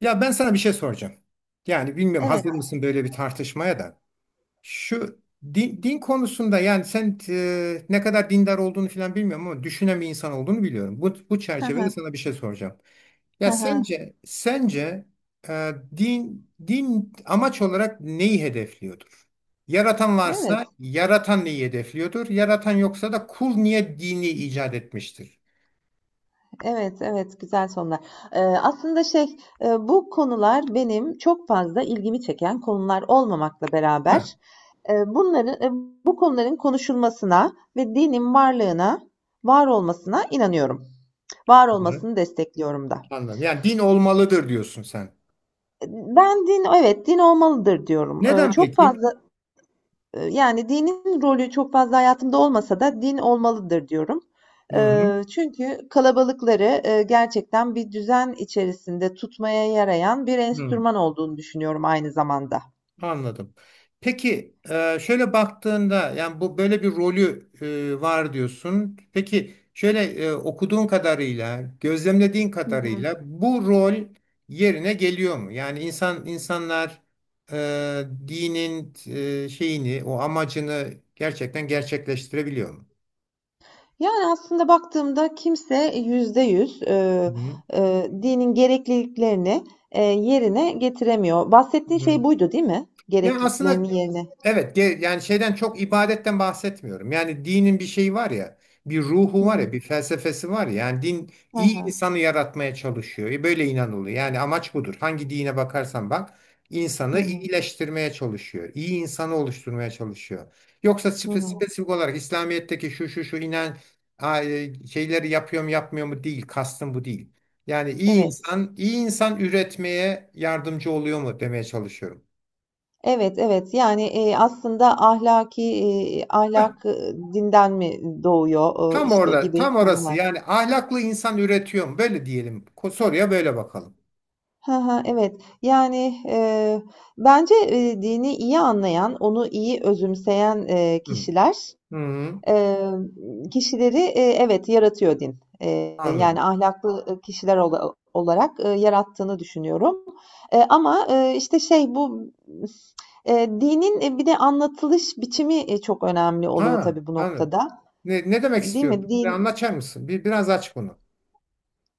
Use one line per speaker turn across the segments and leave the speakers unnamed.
Ya ben sana bir şey soracağım. Yani bilmiyorum
Evet.
hazır mısın böyle bir tartışmaya da. Şu din konusunda yani sen ne kadar dindar olduğunu falan bilmiyorum ama düşünen bir insan olduğunu biliyorum. Bu
Hı
çerçevede
hı.
sana bir şey soracağım.
Hı
Ya
hı.
sence din amaç olarak neyi hedefliyordur? Yaratan
Evet,
varsa yaratan neyi hedefliyordur? Yaratan yoksa da kul niye dini icat etmiştir?
evet, evet. Güzel sonlar. Aslında bu konular benim çok fazla ilgimi çeken konular olmamakla beraber
Heh,
e, bunların, e, bu konuların konuşulmasına ve dinin varlığına, var olmasına inanıyorum. Var
güzel,
olmasını destekliyorum da.
anladım. Yani din olmalıdır diyorsun sen.
E, Ben evet, din olmalıdır diyorum. E,
Neden
çok
peki?
fazla Yani dinin rolü çok fazla hayatımda olmasa da din olmalıdır diyorum.
Hı hı,
Çünkü kalabalıkları, gerçekten bir düzen içerisinde tutmaya yarayan bir
hı,
enstrüman olduğunu düşünüyorum aynı zamanda.
anladım. Peki şöyle baktığında yani bu böyle bir rolü var diyorsun. Peki şöyle okuduğun kadarıyla, gözlemlediğin
Hı hı.
kadarıyla bu rol yerine geliyor mu? Yani insanlar dinin şeyini, o amacını gerçekten gerçekleştirebiliyor mu?
Yani aslında baktığımda kimse %100,
Hı
dinin gerekliliklerini, yerine getiremiyor. Bahsettiğin
hı.
şey buydu, değil mi?
Yani aslında.
Gerekliliklerini yerine.
Evet, yani şeyden çok ibadetten bahsetmiyorum. Yani dinin bir şeyi var ya, bir ruhu
Hı
var
hı.
ya, bir felsefesi var ya. Yani din iyi
Hı.
insanı yaratmaya çalışıyor. E böyle inanılıyor. Yani amaç budur. Hangi dine bakarsan bak,
Hı
insanı
hı.
iyileştirmeye çalışıyor. İyi insanı oluşturmaya çalışıyor. Yoksa
Hı hı.
spesifik olarak İslamiyet'teki şu şu şu inen şeyleri yapıyor mu yapmıyor mu değil. Kastım bu değil. Yani iyi
Evet.
insan, iyi insan üretmeye yardımcı oluyor mu demeye çalışıyorum.
Evet, evet. Yani, aslında ahlak, dinden mi doğuyor,
Tam
işte,
orada,
gibi
tam orası.
konular.
Yani ahlaklı insan üretiyor mu? Böyle diyelim. Soruya böyle bakalım.
Hı hı, evet. Yani, bence, dini iyi anlayan, onu iyi özümseyen,
Hı.
kişiler.
Hı,
Eee, kişileri, evet, yaratıyor din. Yani
anladım.
ahlaklı, kişiler olarak, yarattığını düşünüyorum. Ama dinin bir de anlatılış biçimi, çok önemli oluyor
Ha,
tabii bu
anladım.
noktada,
Ne demek
değil mi?
istiyorsun? Bir
Din
anlatır mısın? Biraz aç bunu.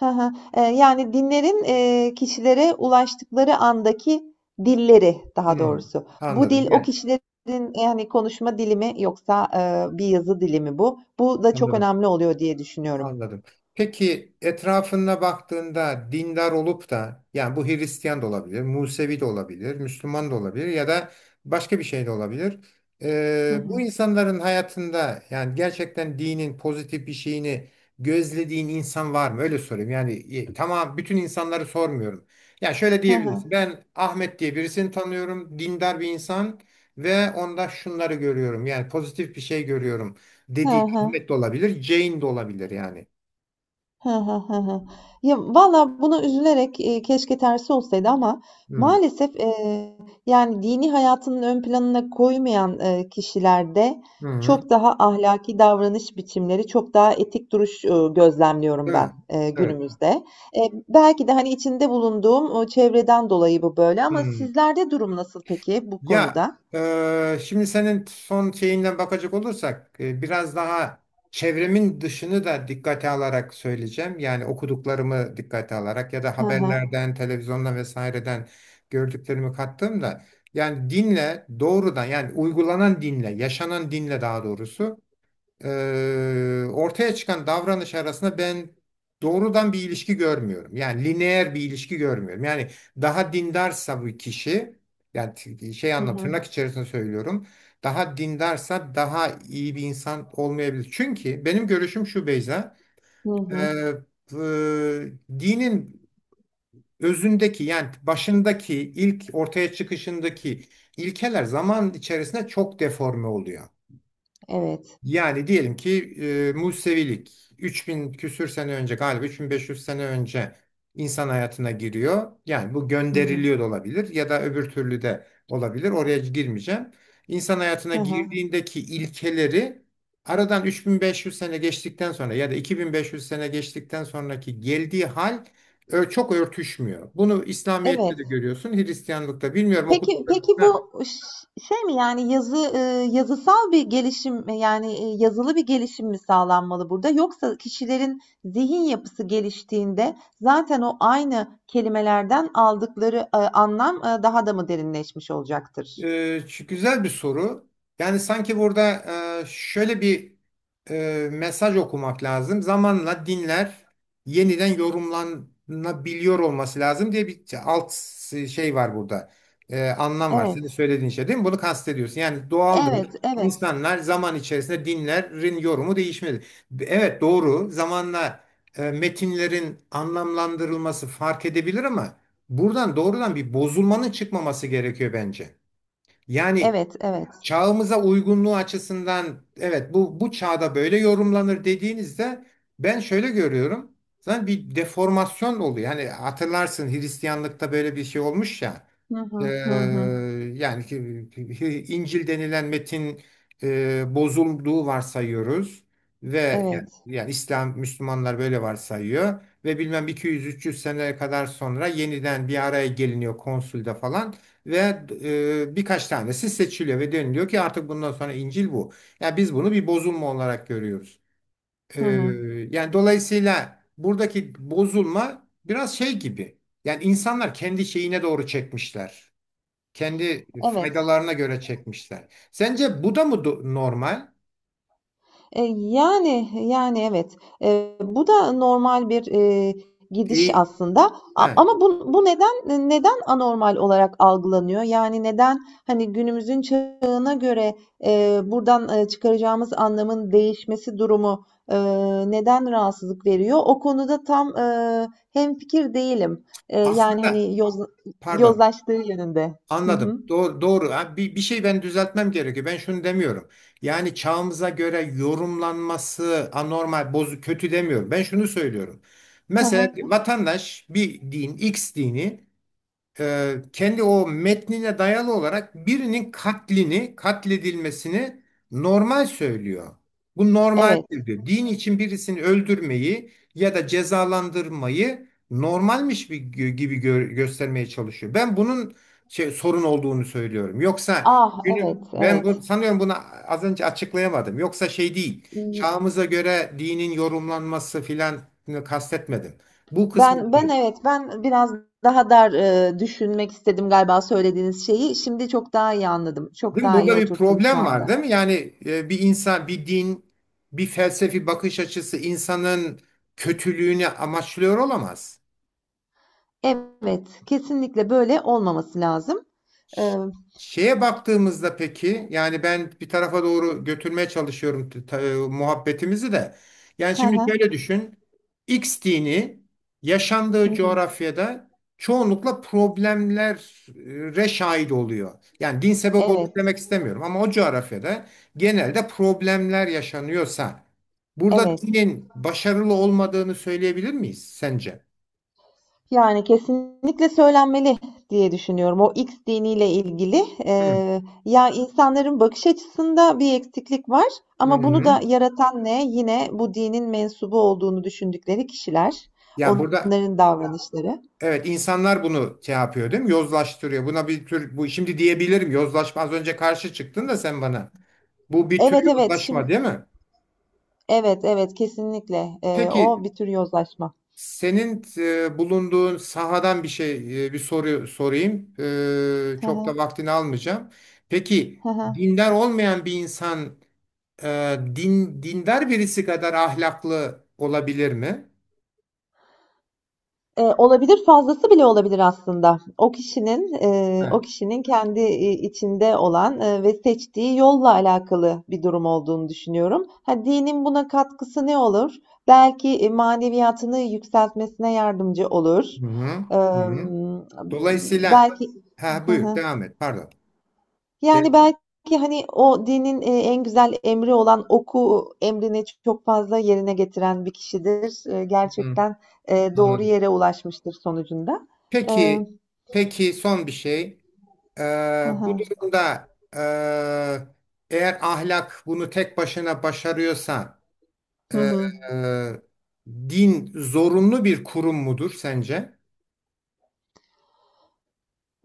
Hı, yani dinlerin kişilere ulaştıkları andaki dilleri daha
Hı,
doğrusu. Bu
anladım.
dil o
Yani,
kişilerin, yani, konuşma dili mi yoksa bir yazı dili mi bu? Bu da çok
anladım.
önemli oluyor diye düşünüyorum.
Anladım. Peki etrafına baktığında dindar olup da yani bu Hristiyan da olabilir, Musevi de olabilir, Müslüman da olabilir ya da başka bir şey de olabilir.
Hı
Bu
hı.
insanların hayatında yani gerçekten dinin pozitif bir şeyini gözlediğin insan var mı? Öyle sorayım. Yani tamam bütün insanları sormuyorum. Yani şöyle
Hı hı.
diyebilirsin. Ben Ahmet diye birisini tanıyorum. Dindar bir insan ve onda şunları görüyorum. Yani pozitif bir şey görüyorum
Hı
dediğin
hı.
Ahmet de olabilir, Jane de olabilir yani.
Hı hı, hı hı. Valla buna üzülerek, keşke tersi olsaydı ama
Hmm.
maalesef, yani, dini hayatının ön planına koymayan, kişilerde
Hı hı.
çok daha ahlaki davranış biçimleri, çok daha etik duruş, gözlemliyorum
Değil
ben,
mi?
eee,
Evet.
günümüzde. Belki de, hani, içinde bulunduğum o çevreden dolayı bu böyle ama
Hı.
sizlerde durum nasıl peki bu
Ya
konuda?
şimdi senin son şeyinden bakacak olursak biraz daha çevremin dışını da dikkate alarak söyleyeceğim. Yani okuduklarımı dikkate alarak ya da
Hı hı.
haberlerden, televizyondan vesaireden gördüklerimi kattığımda yani dinle doğrudan yani uygulanan dinle, yaşanan dinle daha doğrusu e, ortaya çıkan davranış arasında ben doğrudan bir ilişki görmüyorum. Yani lineer bir ilişki görmüyorum. Yani daha dindarsa bu kişi, yani şey
Hı
anlamı
hı.
tırnak içerisinde söylüyorum. Daha dindarsa daha iyi bir insan olmayabilir. Çünkü benim görüşüm şu Beyza,
Hı
e,
hı.
e, dinin özündeki yani başındaki ilk ortaya çıkışındaki ilkeler zaman içerisinde çok deforme oluyor.
Evet.
Yani diyelim ki Musevilik 3000 küsür sene önce galiba 3500 sene önce insan hayatına giriyor. Yani bu
Hı
gönderiliyor
hı.
da olabilir ya da öbür türlü de olabilir. Oraya girmeyeceğim. İnsan hayatına
Hı hı.
girdiğindeki ilkeleri aradan 3500 sene geçtikten sonra ya da 2500 sene geçtikten sonraki geldiği hal çok örtüşmüyor. Bunu İslamiyet'te
Evet.
de görüyorsun, Hristiyanlık'ta bilmiyorum
Peki
okuduklarım.
peki bu şey mi, yani, yazısal bir gelişim, yani, yazılı bir gelişim mi sağlanmalı burada yoksa kişilerin zihin yapısı geliştiğinde zaten o aynı kelimelerden aldıkları, anlam, daha da mı derinleşmiş olacaktır?
Güzel bir soru. Yani sanki burada şöyle bir mesaj okumak lazım. Zamanla dinler yeniden yorumlanabiliyor olması lazım diye bir alt şey var burada. Anlam var. Senin
Evet.
söylediğin şey değil mi? Bunu kastediyorsun. Yani doğaldır.
Evet, evet.
İnsanlar zaman içerisinde dinlerin yorumu değişmedi. Evet doğru. Zamanla metinlerin anlamlandırılması fark edebilir ama buradan doğrudan bir bozulmanın çıkmaması gerekiyor bence. Yani
Evet, evet.
çağımıza uygunluğu açısından evet bu bu çağda böyle yorumlanır dediğinizde ben şöyle görüyorum. Zaten bir deformasyon oluyor. Yani hatırlarsın Hristiyanlıkta böyle bir şey olmuş ya.
Hı
Ee,
hı. Hı hı.
yani İncil denilen metin bozulduğu varsayıyoruz ve yani,
Evet.
yani İslam Müslümanlar böyle varsayıyor ve bilmem 200-300 sene kadar sonra yeniden bir araya geliniyor konsülde falan. Ve birkaç tanesi seçiliyor ve deniliyor ki artık bundan sonra İncil bu. Yani biz bunu bir bozulma olarak görüyoruz. E,
Hı hı.
yani dolayısıyla buradaki bozulma biraz şey gibi. Yani insanlar kendi şeyine doğru çekmişler. Kendi
Evet.
faydalarına göre çekmişler. Sence bu da mı normal?
Yani, evet. Bu da normal bir gidiş
E,
aslında,
he,
ama bu neden neden anormal olarak algılanıyor? Yani neden, hani, günümüzün çağına göre, buradan çıkaracağımız anlamın değişmesi durumu, eee, neden rahatsızlık veriyor? O konuda tam, hemfikir değilim. Yani,
Aslında
hani,
pardon.
yozlaştığı yönünde. Hı
Anladım.
hı.
Doğru, doğru. Ha, bir şey ben düzeltmem gerekiyor. Ben şunu demiyorum. Yani çağımıza göre yorumlanması anormal, bozuk, kötü demiyorum. Ben şunu söylüyorum.
Hı
Mesela
hı.
vatandaş bir din, X dini kendi o metnine dayalı olarak birinin katlini, katledilmesini normal söylüyor. Bu
Evet.
normaldir diyor. Din için birisini öldürmeyi ya da cezalandırmayı normalmiş bir gibi göstermeye çalışıyor. Ben bunun sorun olduğunu söylüyorum. Yoksa
Ah,
günü
evet,
ben bu,
evet.
sanıyorum bunu az önce açıklayamadım. Yoksa şey değil. Çağımıza göre dinin yorumlanması filan kastetmedim. Bu kısmı.
Ben evet, ben biraz daha dar, düşünmek istedim galiba söylediğiniz şeyi. Şimdi çok daha iyi anladım. Çok
Değil mi?
daha iyi
Burada bir
oturttum şu
problem
anda.
var değil mi? Yani bir insan, bir din, bir felsefi bakış açısı insanın kötülüğünü amaçlıyor olamaz.
Evet, kesinlikle böyle olmaması lazım. Eee,
Şeye baktığımızda peki yani ben bir tarafa doğru götürmeye çalışıyorum muhabbetimizi de. Yani
hı
şimdi
hı,
şöyle düşün. X dini
hı
yaşandığı
hı.
coğrafyada çoğunlukla problemlere şahit oluyor. Yani din sebep olur
Evet,
demek istemiyorum ama o coğrafyada genelde problemler yaşanıyorsa burada
evet.
dinin başarılı olmadığını söyleyebilir miyiz sence?
Yani kesinlikle söylenmeli diye düşünüyorum. O X diniyle ilgili
Hı.
ya insanların bakış açısında bir eksiklik var
Hı
ama bunu
hı.
da yaratan ne? Yine bu dinin mensubu olduğunu düşündükleri kişiler,
Yani burada.
onların davranışları.
Evet, insanlar bunu şey yapıyor değil mi? Yozlaştırıyor. Buna bir tür bu şimdi diyebilirim yozlaşma az önce karşı çıktın da sen bana. Bu bir tür
Evet, evet,
yozlaşma
şimdi
değil mi?
evet, evet, kesinlikle.
Peki
O bir tür yozlaşma.
senin bulunduğun sahadan bir şey bir soru sorayım.
Hı
Çok da
hı,
vaktini almayacağım. Peki
hı hı.
dindar olmayan bir insan dindar birisi kadar ahlaklı olabilir mi?
Olabilir, fazlası bile olabilir aslında. O
Ha.
kişinin kendi içinde olan ve seçtiği yolla alakalı bir durum olduğunu düşünüyorum. Ha, dinin buna katkısı ne olur? Belki maneviyatını yükseltmesine yardımcı olur.
Hı hı.
Ee,
Hı hı. Dolayısıyla,
belki
ha, buyur devam et pardon.
Yani,
Ben-
belki, hani, o dinin en güzel emri olan oku emrini çok fazla yerine getiren bir kişidir.
Hı,
Gerçekten, doğru
anladım.
yere ulaşmıştır sonucunda. Eee.
Peki, peki son bir şey.
Hı
Bu
hı.
durumda eğer ahlak bunu tek başına başarıyorsa
Hı
e,
hı.
e, din zorunlu bir kurum mudur sence?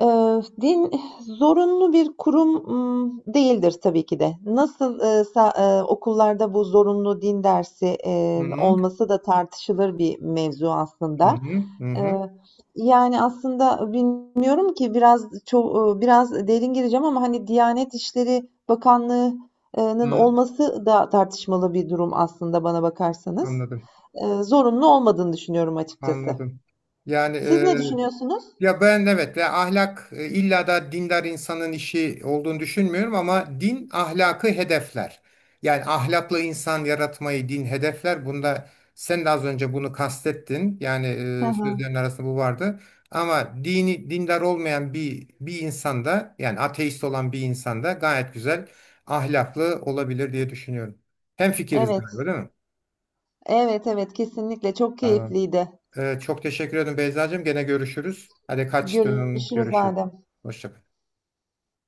Din zorunlu bir kurum, değildir tabii ki de. Nasıl, sa okullarda bu zorunlu din dersi,
Hı
eee,
hı,
olması da tartışılır bir mevzu
hı
aslında.
hı, hı hı,
Eee, yani, aslında bilmiyorum ki biraz derin gireceğim ama, hani, Diyanet İşleri bakanlığının
hı.
olması da tartışmalı bir durum aslında bana bakarsanız.
Anladım,
Zorunlu olmadığını düşünüyorum açıkçası.
anladım. Yani.
Siz ne düşünüyorsunuz?
Ya ben evet, ya ahlak illa da dindar insanın işi olduğunu düşünmüyorum ama din ahlakı hedefler. Yani ahlaklı insan yaratmayı din hedefler. Bunda sen de az önce bunu kastettin. Yani
Hı hı.
sözlerin arasında bu vardı. Ama dini dindar olmayan bir insanda yani ateist olan bir insanda gayet güzel ahlaklı olabilir diye düşünüyorum. Hemfikiriz galiba
Evet.
değil mi?
Evet, evet, kesinlikle çok
Tamam.
keyifliydi.
Çok teşekkür ederim Beyzacığım. Gene görüşürüz. Hadi kaçtın.
Görüşürüz
Görüşürüz.
Adem.
Hoşça kal.